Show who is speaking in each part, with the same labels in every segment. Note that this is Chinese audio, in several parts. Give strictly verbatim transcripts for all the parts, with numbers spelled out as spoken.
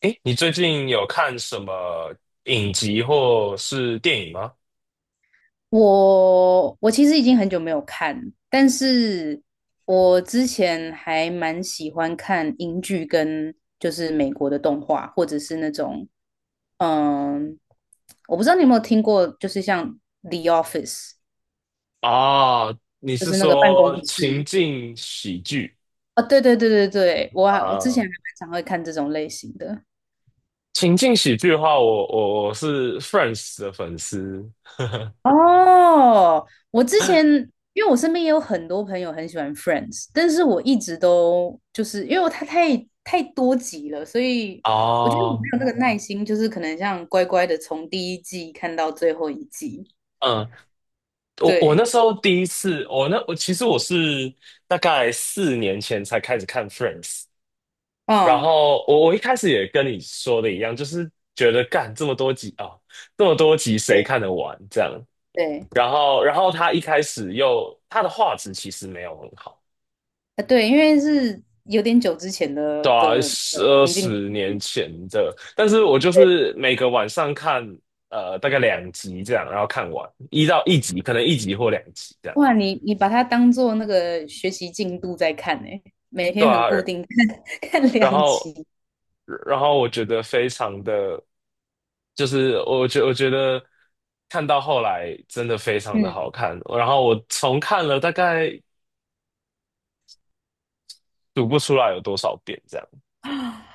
Speaker 1: 诶，你最近有看什么影集或是电影吗？
Speaker 2: 我我其实已经很久没有看，但是我之前还蛮喜欢看英剧跟就是美国的动画，或者是那种，嗯，我不知道你有没有听过，就是像《The Office》，
Speaker 1: 啊，你
Speaker 2: 就
Speaker 1: 是
Speaker 2: 是那个办
Speaker 1: 说
Speaker 2: 公
Speaker 1: 情
Speaker 2: 室。
Speaker 1: 境喜剧
Speaker 2: 啊，对对对对对，我还我之前
Speaker 1: 啊？
Speaker 2: 还蛮常会看这种类型的。
Speaker 1: 情境喜剧的话，我我我是 Friends 的粉丝。
Speaker 2: 哦，我之前因为我身边也有很多朋友很喜欢 Friends，但是我一直都就是因为它太太多集了，所以我觉得我没
Speaker 1: 哦，
Speaker 2: 有那个耐心，就是可能像乖乖的从第一季看到最后一季。
Speaker 1: 嗯，我我那
Speaker 2: 对，
Speaker 1: 时候第一次，我那我其实我是大概四年前才开始看 Friends，然
Speaker 2: 嗯，
Speaker 1: 后我我一开始也跟你说的一样，就是觉得干这么多集啊，这么多集谁
Speaker 2: 对
Speaker 1: 看得完这样。
Speaker 2: 对，
Speaker 1: 然后，然后他一开始又他的画质其实没有很好。
Speaker 2: 啊对，因为是有点久之前
Speaker 1: 对
Speaker 2: 的
Speaker 1: 啊，
Speaker 2: 的的
Speaker 1: 十二
Speaker 2: 情境
Speaker 1: 十年
Speaker 2: 剧，
Speaker 1: 前的，但是我就
Speaker 2: 对，
Speaker 1: 是每个晚上看，呃，大概两集这样。然后看完一到一集，可能一集或两集这样。
Speaker 2: 哇，你你把它当做那个学习进度在看呢、每
Speaker 1: 对
Speaker 2: 天很
Speaker 1: 啊。
Speaker 2: 固定 看
Speaker 1: 然
Speaker 2: 两
Speaker 1: 后，
Speaker 2: 集，
Speaker 1: 然后我觉得非常的，就是我觉我觉得看到后来真的非常的好
Speaker 2: 嗯。
Speaker 1: 看。然后我重看了大概读不出来有多少遍这样。
Speaker 2: 啊，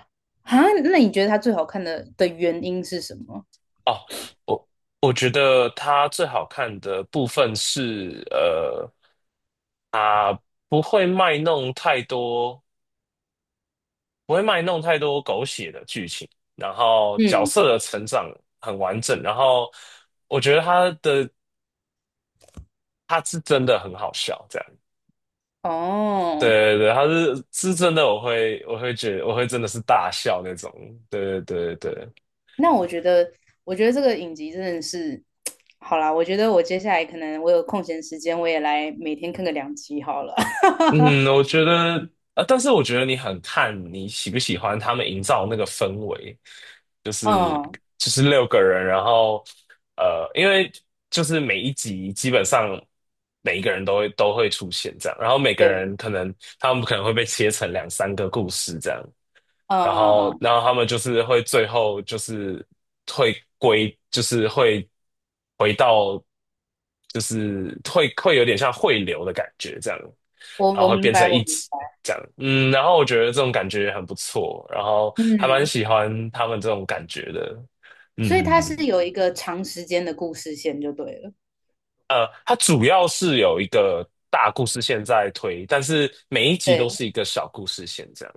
Speaker 2: 那你觉得它最好看的的原因是什么？
Speaker 1: 哦，我我觉得它最好看的部分是，呃，它不会卖弄太多，不会卖弄太多狗血的剧情。然后角
Speaker 2: 嗯，
Speaker 1: 色的成长很完整，然后我觉得它的它是真的很好笑，这样。
Speaker 2: 哦，
Speaker 1: 对对对，它是是真的，我会我会觉得我会真的是大笑那种。对对对对。
Speaker 2: 那我觉得，我觉得这个影集真的是，好啦，我觉得我接下来可能我有空闲时间，我也来每天看个两集好了。
Speaker 1: 嗯，我觉得，啊，但是我觉得你很看你喜不喜欢他们营造那个氛围，就是
Speaker 2: 嗯，
Speaker 1: 就是六个人，然后呃，因为就是每一集基本上每一个人都会都会出现这样，然后每个
Speaker 2: 对，
Speaker 1: 人可能他们可能会被切成两三个故事这样。
Speaker 2: 嗯
Speaker 1: 然
Speaker 2: 嗯
Speaker 1: 后，
Speaker 2: 嗯，
Speaker 1: 然后他们就是会最后就是会归，就是会回到，就是会会有点像汇流的感觉这样，
Speaker 2: 我
Speaker 1: 然后
Speaker 2: 我
Speaker 1: 会
Speaker 2: 明
Speaker 1: 变成
Speaker 2: 白，我
Speaker 1: 一
Speaker 2: 明
Speaker 1: 集
Speaker 2: 白。
Speaker 1: 这样。嗯，然后我觉得这种感觉很不错，然后还蛮
Speaker 2: 嗯，
Speaker 1: 喜欢他们这种感觉的。
Speaker 2: 所以它
Speaker 1: 嗯，
Speaker 2: 是有一个长时间的故事线就对了。
Speaker 1: 呃，它主要是有一个大故事线在推，但是每一集
Speaker 2: 对，
Speaker 1: 都是一个小故事线这样。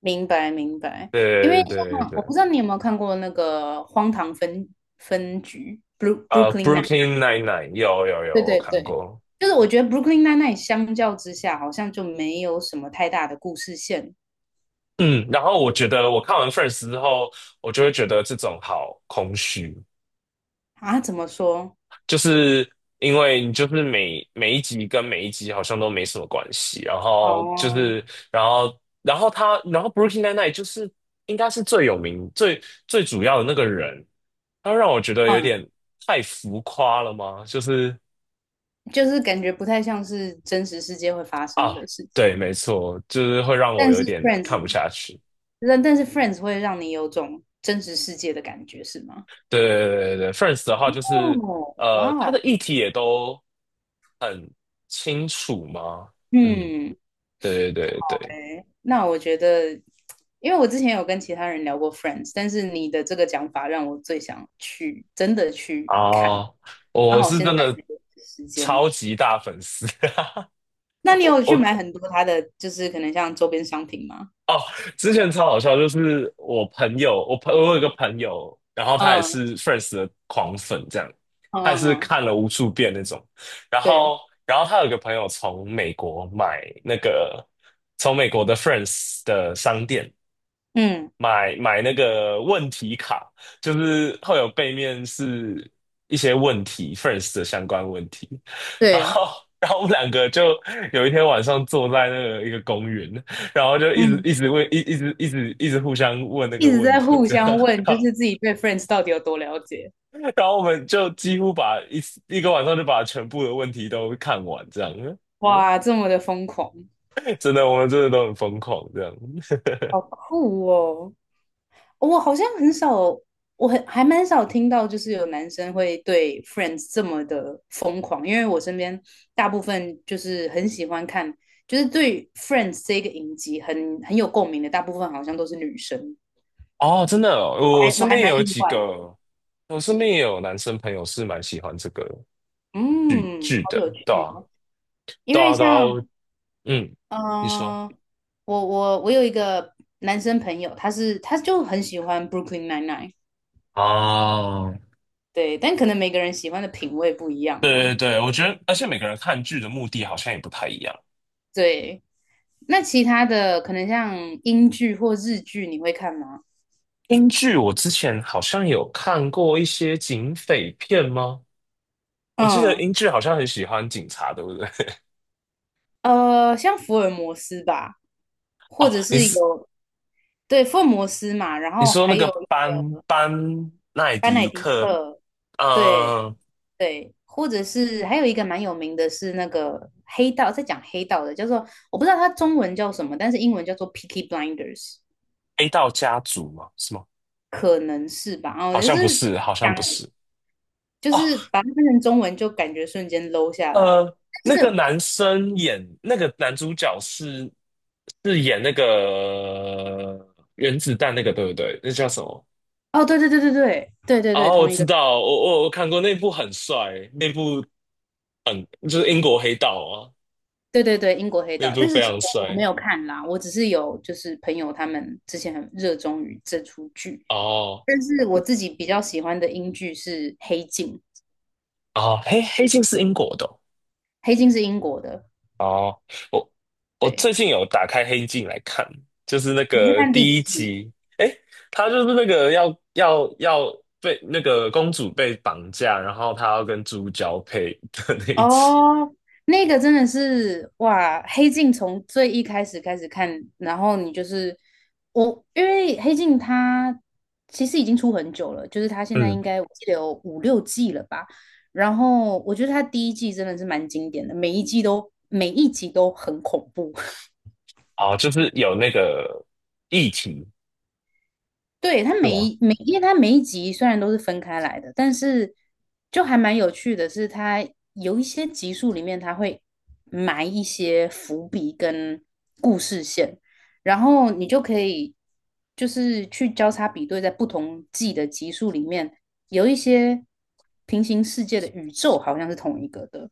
Speaker 2: 明白明白。因
Speaker 1: 对
Speaker 2: 为
Speaker 1: 对对
Speaker 2: 像我
Speaker 1: 对。
Speaker 2: 不知道你有没有看过那个《荒唐分分局 b r o o
Speaker 1: 呃
Speaker 2: k l y n n n
Speaker 1: ，Brooklyn Nine-Nine 有有
Speaker 2: 对
Speaker 1: 有，我
Speaker 2: 对
Speaker 1: 看
Speaker 2: 对，
Speaker 1: 过。
Speaker 2: 就是我觉得 Brooklyn Nine-Nine 相较之下，好像就没有什么太大的故事线
Speaker 1: 嗯，然后我觉得我看完 f i r s t 之后，我就会觉得这种好空虚，
Speaker 2: 啊。怎么说？
Speaker 1: 就是因为你就是每每一集跟每一集好像都没什么关系，然后就
Speaker 2: 哦，
Speaker 1: 是然后然后他然后 Brooklyn Nine-Nine 就是应该是最有名最最主要的那个人，他让我觉得有
Speaker 2: 嗯，
Speaker 1: 点太浮夸了吗？就是
Speaker 2: 就是感觉不太像是真实世界会发生
Speaker 1: 啊，
Speaker 2: 的事
Speaker 1: 对，
Speaker 2: 情。
Speaker 1: 没错，就是会让我
Speaker 2: 但
Speaker 1: 有
Speaker 2: 是
Speaker 1: 点
Speaker 2: Friends，
Speaker 1: 看不下去。
Speaker 2: 但但是 Friends 会让你有种真实世界的感觉，是吗？
Speaker 1: 对对对对对，Friends 的话就是
Speaker 2: 哦，哇
Speaker 1: 呃，它的
Speaker 2: 哦，
Speaker 1: 议题也都很清楚嘛。嗯，
Speaker 2: 嗯，
Speaker 1: 对对对对
Speaker 2: 哎，那我觉得，因为我之前有跟其他人聊过 Friends，但是你的这个讲法让我最想去真的去看。
Speaker 1: 啊，
Speaker 2: 刚
Speaker 1: 我
Speaker 2: 好
Speaker 1: 是
Speaker 2: 现在
Speaker 1: 真的
Speaker 2: 有时间。
Speaker 1: 超级大粉丝。
Speaker 2: 那你
Speaker 1: 我
Speaker 2: 有去
Speaker 1: 我
Speaker 2: 买很多它的，就是可能像周边商品吗？
Speaker 1: 哦，之前超好笑，就是我朋友，我朋我有一个朋友，然后他也
Speaker 2: 嗯
Speaker 1: 是 Friends 的狂粉，这样，
Speaker 2: 嗯
Speaker 1: 他也是
Speaker 2: 嗯，
Speaker 1: 看了无数遍那种。然
Speaker 2: 对，
Speaker 1: 后然后他有一个朋友从美国买那个从美国的 Friends 的商店。
Speaker 2: 嗯
Speaker 1: 买买那个问题卡，就是会有背面是一些问题 f i r s t 的相关问题。然
Speaker 2: 对，
Speaker 1: 后，然后我们两个就有一天晚上坐在那个一个公园，然后就一直
Speaker 2: 嗯，
Speaker 1: 一直问，一一直一直一直互相问那
Speaker 2: 一
Speaker 1: 个
Speaker 2: 直
Speaker 1: 问
Speaker 2: 在
Speaker 1: 题，
Speaker 2: 互
Speaker 1: 这样。
Speaker 2: 相问，就 是自己对 Friends 到底有多了解。
Speaker 1: 然后我们就几乎把一一个晚上就把全部的问题都看完，这样。
Speaker 2: 哇，这么的疯狂，
Speaker 1: 真的，我们真的都很疯狂，这样。
Speaker 2: 好酷哦！我好像很少，我很还蛮少听到，就是有男生会对 Friends 这么的疯狂，因为我身边大部分就是很喜欢看，就是对 Friends 这个影集很很有共鸣的，大部分好像都是女生，
Speaker 1: 哦，真的
Speaker 2: 我
Speaker 1: 哦我
Speaker 2: 还我
Speaker 1: 身
Speaker 2: 还
Speaker 1: 边也
Speaker 2: 蛮
Speaker 1: 有
Speaker 2: 意
Speaker 1: 几
Speaker 2: 外
Speaker 1: 个，
Speaker 2: 的，
Speaker 1: 我身边也有男生朋友是蛮喜欢这个
Speaker 2: 嗯，好
Speaker 1: 剧的。
Speaker 2: 有
Speaker 1: 对
Speaker 2: 趣
Speaker 1: 啊，
Speaker 2: 哦因
Speaker 1: 对
Speaker 2: 为
Speaker 1: 啊，对
Speaker 2: 像
Speaker 1: 啊。嗯，
Speaker 2: 嗯、
Speaker 1: 你说，
Speaker 2: 呃我我我有一个男生朋友，他是他就很喜欢 Brooklyn Nine Nine，
Speaker 1: 哦，
Speaker 2: 对，但可能每个人喜欢的品味不一样
Speaker 1: 对对
Speaker 2: 嘛。
Speaker 1: 对，我觉得，而且每个人看剧的目的好像也不太一样。
Speaker 2: 对，那其他的可能像英剧或日剧，你会看吗？
Speaker 1: 英剧我之前好像有看过一些警匪片吗？我记得
Speaker 2: 嗯，
Speaker 1: 英剧好像很喜欢警察，对不对？
Speaker 2: 呃，像福尔摩斯吧，
Speaker 1: 哦，
Speaker 2: 或者
Speaker 1: 你
Speaker 2: 是
Speaker 1: 是
Speaker 2: 有，对，福尔摩斯嘛，然
Speaker 1: 你
Speaker 2: 后
Speaker 1: 说
Speaker 2: 还
Speaker 1: 那个
Speaker 2: 有
Speaker 1: 班班奈
Speaker 2: 班乃
Speaker 1: 迪
Speaker 2: 迪
Speaker 1: 克，
Speaker 2: 克，对
Speaker 1: 呃
Speaker 2: 对，或者是还有一个蛮有名的是那个黑道，在讲黑道的，叫做我不知道它中文叫什么，但是英文叫做《Peaky Blinders》，
Speaker 1: ，A 道家族吗？是吗？
Speaker 2: 可能是吧，哦，
Speaker 1: 好
Speaker 2: 就
Speaker 1: 像不
Speaker 2: 是
Speaker 1: 是，好像
Speaker 2: 讲，
Speaker 1: 不是。
Speaker 2: 就是
Speaker 1: 哦，
Speaker 2: 把它翻成中文就感觉瞬间 low 下来。
Speaker 1: 呃，那
Speaker 2: 但
Speaker 1: 个
Speaker 2: 是
Speaker 1: 男生演那个男主角是是演那个原子弹那个，对不对？那叫什么？
Speaker 2: 哦，对对对对对对对对，
Speaker 1: 哦，我
Speaker 2: 同一个
Speaker 1: 知
Speaker 2: 人，
Speaker 1: 道，我我我看过那部很帅，那部很就是英国黑道啊，
Speaker 2: 对对对，英国黑
Speaker 1: 那
Speaker 2: 道。
Speaker 1: 部
Speaker 2: 但是
Speaker 1: 非
Speaker 2: 其实
Speaker 1: 常
Speaker 2: 我没
Speaker 1: 帅。
Speaker 2: 有看啦，我只是有就是朋友他们之前很热衷于这出剧，
Speaker 1: 哦
Speaker 2: 但是我自己比较喜欢的英剧是《黑镜》，
Speaker 1: 哦，黑黑镜是英国的哦
Speaker 2: 《黑镜》是英国的，
Speaker 1: 哦，我我
Speaker 2: 对，
Speaker 1: 最近有打开《黑镜》来看，就是那
Speaker 2: 你是
Speaker 1: 个
Speaker 2: 看第几
Speaker 1: 第一
Speaker 2: 季？
Speaker 1: 集。诶，他就是那个要要要被那个公主被绑架，然后他要跟猪交配的那一集。
Speaker 2: 哦，那个真的是哇，《黑镜》从最一开始开始看，然后你就是我，因为《黑镜》它其实已经出很久了，就是它现在
Speaker 1: 嗯，
Speaker 2: 应该我记得有五六季了吧。然后我觉得它第一季真的是蛮经典的，每一季都每一集都很恐怖。
Speaker 1: 哦，就是有那个议题
Speaker 2: 对，它
Speaker 1: 是
Speaker 2: 每
Speaker 1: 吗？
Speaker 2: 一每，因为它每一集虽然都是分开来的，但是就还蛮有趣的是，它有一些集数里面它会埋一些伏笔跟故事线，然后你就可以就是去交叉比对，在不同季的集数里面，有一些平行世界的宇宙好像是同一个的。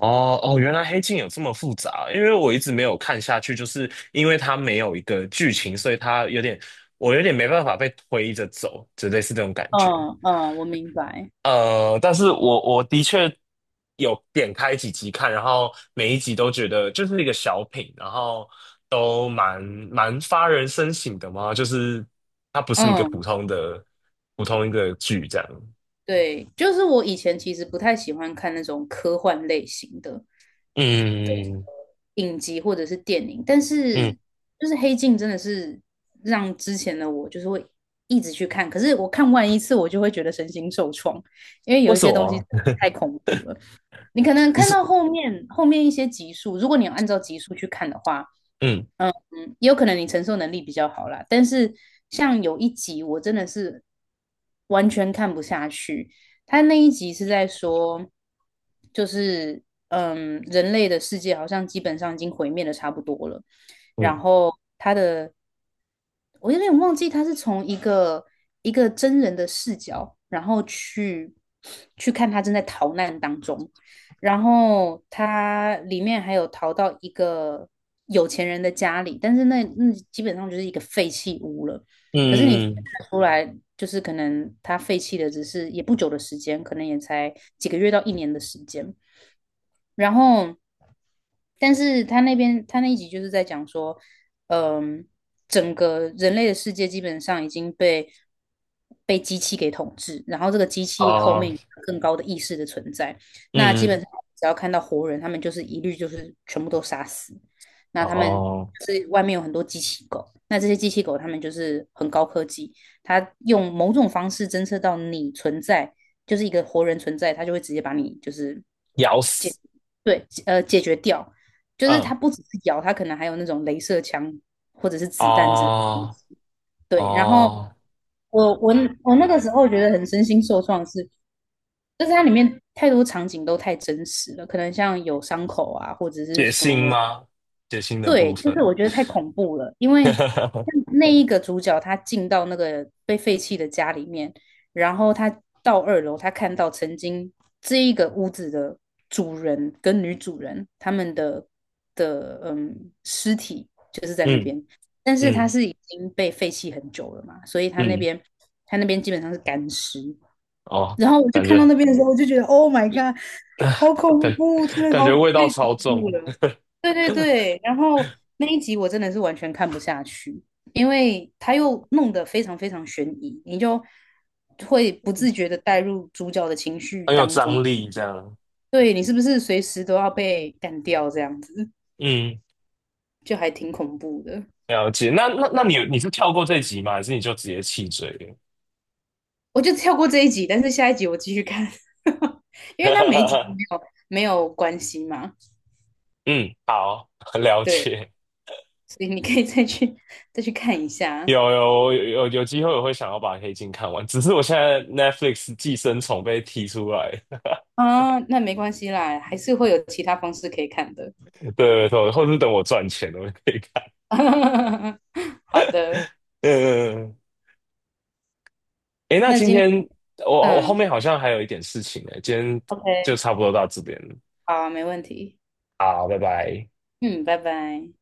Speaker 1: 哦哦，原来《黑镜》有这么复杂，因为我一直没有看下去，就是因为它没有一个剧情，所以它有点我有点没办法被推着走，就类似这种感觉。
Speaker 2: 嗯嗯，我明白。
Speaker 1: 呃，但是我我的确有点开几集看，然后每一集都觉得就是一个小品，然后都蛮蛮发人深省的嘛，就是它不是一个普
Speaker 2: 嗯，
Speaker 1: 通的普通一个剧这样。
Speaker 2: 对，就是我以前其实不太喜欢看那种科幻类型的。
Speaker 1: 嗯
Speaker 2: 影集或者是电影，但是
Speaker 1: 嗯，
Speaker 2: 就是《黑镜》真的是让之前的我就是会一直去看，可是我看完一次我就会觉得身心受创，因为
Speaker 1: 为
Speaker 2: 有一
Speaker 1: 什
Speaker 2: 些东
Speaker 1: 么？
Speaker 2: 西太恐怖了。你可能
Speaker 1: 你
Speaker 2: 看
Speaker 1: 是
Speaker 2: 到后面后面一些集数，如果你有按照集数去看的话，
Speaker 1: 嗯
Speaker 2: 嗯，也有可能你承受能力比较好啦。但是像有一集我真的是完全看不下去，他那一集是在说，就是嗯，人类的世界好像基本上已经毁灭的差不多了，然
Speaker 1: 嗯
Speaker 2: 后他的我有点忘记他是从一个一个真人的视角，然后去去看他正在逃难当中，然后他里面还有逃到一个有钱人的家里，但是那那基本上就是一个废弃屋了。可是你看
Speaker 1: 嗯嗯，
Speaker 2: 得出来，就是可能他废弃的只是也不久的时间，可能也才几个月到一年的时间。然后，但是他那边他那一集就是在讲说，嗯，整个人类的世界基本上已经被被机器给统治，然后这个机器后
Speaker 1: 哦，
Speaker 2: 面有更高的意识的存在，那基
Speaker 1: 嗯，
Speaker 2: 本上只要看到活人，他们就是一律就是全部都杀死。那他们
Speaker 1: 哦，
Speaker 2: 是外面有很多机器狗，那这些机器狗他们就是很高科技，它用某种方式侦测到你存在，就是一个活人存在，它就会直接把你就是
Speaker 1: 咬死，
Speaker 2: 对，呃，解决掉，就是它
Speaker 1: 嗯，
Speaker 2: 不只是咬，它可能还有那种镭射枪或者是子弹之类的。
Speaker 1: 哦
Speaker 2: 对，然后
Speaker 1: 哦，
Speaker 2: 我我我那个时候觉得很身心受创是，就是它里面太多场景都太真实了，可能像有伤口啊，或者是
Speaker 1: 血腥
Speaker 2: 说
Speaker 1: 吗？血腥的部
Speaker 2: 对，就是
Speaker 1: 分。
Speaker 2: 我觉得太恐怖了，因为 那一个主角他进到那个被废弃的家里面，然后他到二楼，他看到曾经这一个屋子的主人跟女主人他们的的嗯尸体就是在那
Speaker 1: 嗯
Speaker 2: 边，但是他
Speaker 1: 嗯。
Speaker 2: 是已经被废弃很久了嘛，所以他那
Speaker 1: 嗯，
Speaker 2: 边他那边基本上是干尸，
Speaker 1: 哦，
Speaker 2: 然后我就
Speaker 1: 感
Speaker 2: 看到
Speaker 1: 觉
Speaker 2: 那边的时候，我就觉得 Oh my God，好恐
Speaker 1: 感
Speaker 2: 怖，真的
Speaker 1: 感
Speaker 2: 好
Speaker 1: 觉
Speaker 2: 太
Speaker 1: 味道超
Speaker 2: 恐怖
Speaker 1: 重，
Speaker 2: 了。对对对，然后那一集我真的是完全看不下去，因为他又弄得非常非常悬疑，你就会不自觉的带入主角的情绪
Speaker 1: 很有
Speaker 2: 当中，
Speaker 1: 张力这样。
Speaker 2: 对你是不是随时都要被干掉这样子，
Speaker 1: 嗯，
Speaker 2: 就还挺恐怖的。
Speaker 1: 了解。那那那你你是跳过这集吗？还是你就直接弃追了？
Speaker 2: 我就跳过这一集，但是下一集我继续看，因为它每一集都 没有没有关系嘛，
Speaker 1: 嗯，好，了
Speaker 2: 对。
Speaker 1: 解。
Speaker 2: 所以你可以再去再去看一下
Speaker 1: 有有有有有机会我会想要把《黑镜》看完，只是我现在 Netflix《寄生虫》被踢出来。
Speaker 2: 啊，那没关系啦，还是会有其他方式可以看的。
Speaker 1: 对，对或是等我赚钱了我就可以看。
Speaker 2: 好的，
Speaker 1: 嗯，嗯嗯诶，那
Speaker 2: 那
Speaker 1: 今
Speaker 2: 今天
Speaker 1: 天我我后
Speaker 2: 嗯
Speaker 1: 面好像还有一点事情诶，今天就
Speaker 2: ，OK，
Speaker 1: 差不多到这边了。
Speaker 2: 好啊没问题，
Speaker 1: 好，拜拜。
Speaker 2: 嗯，拜拜。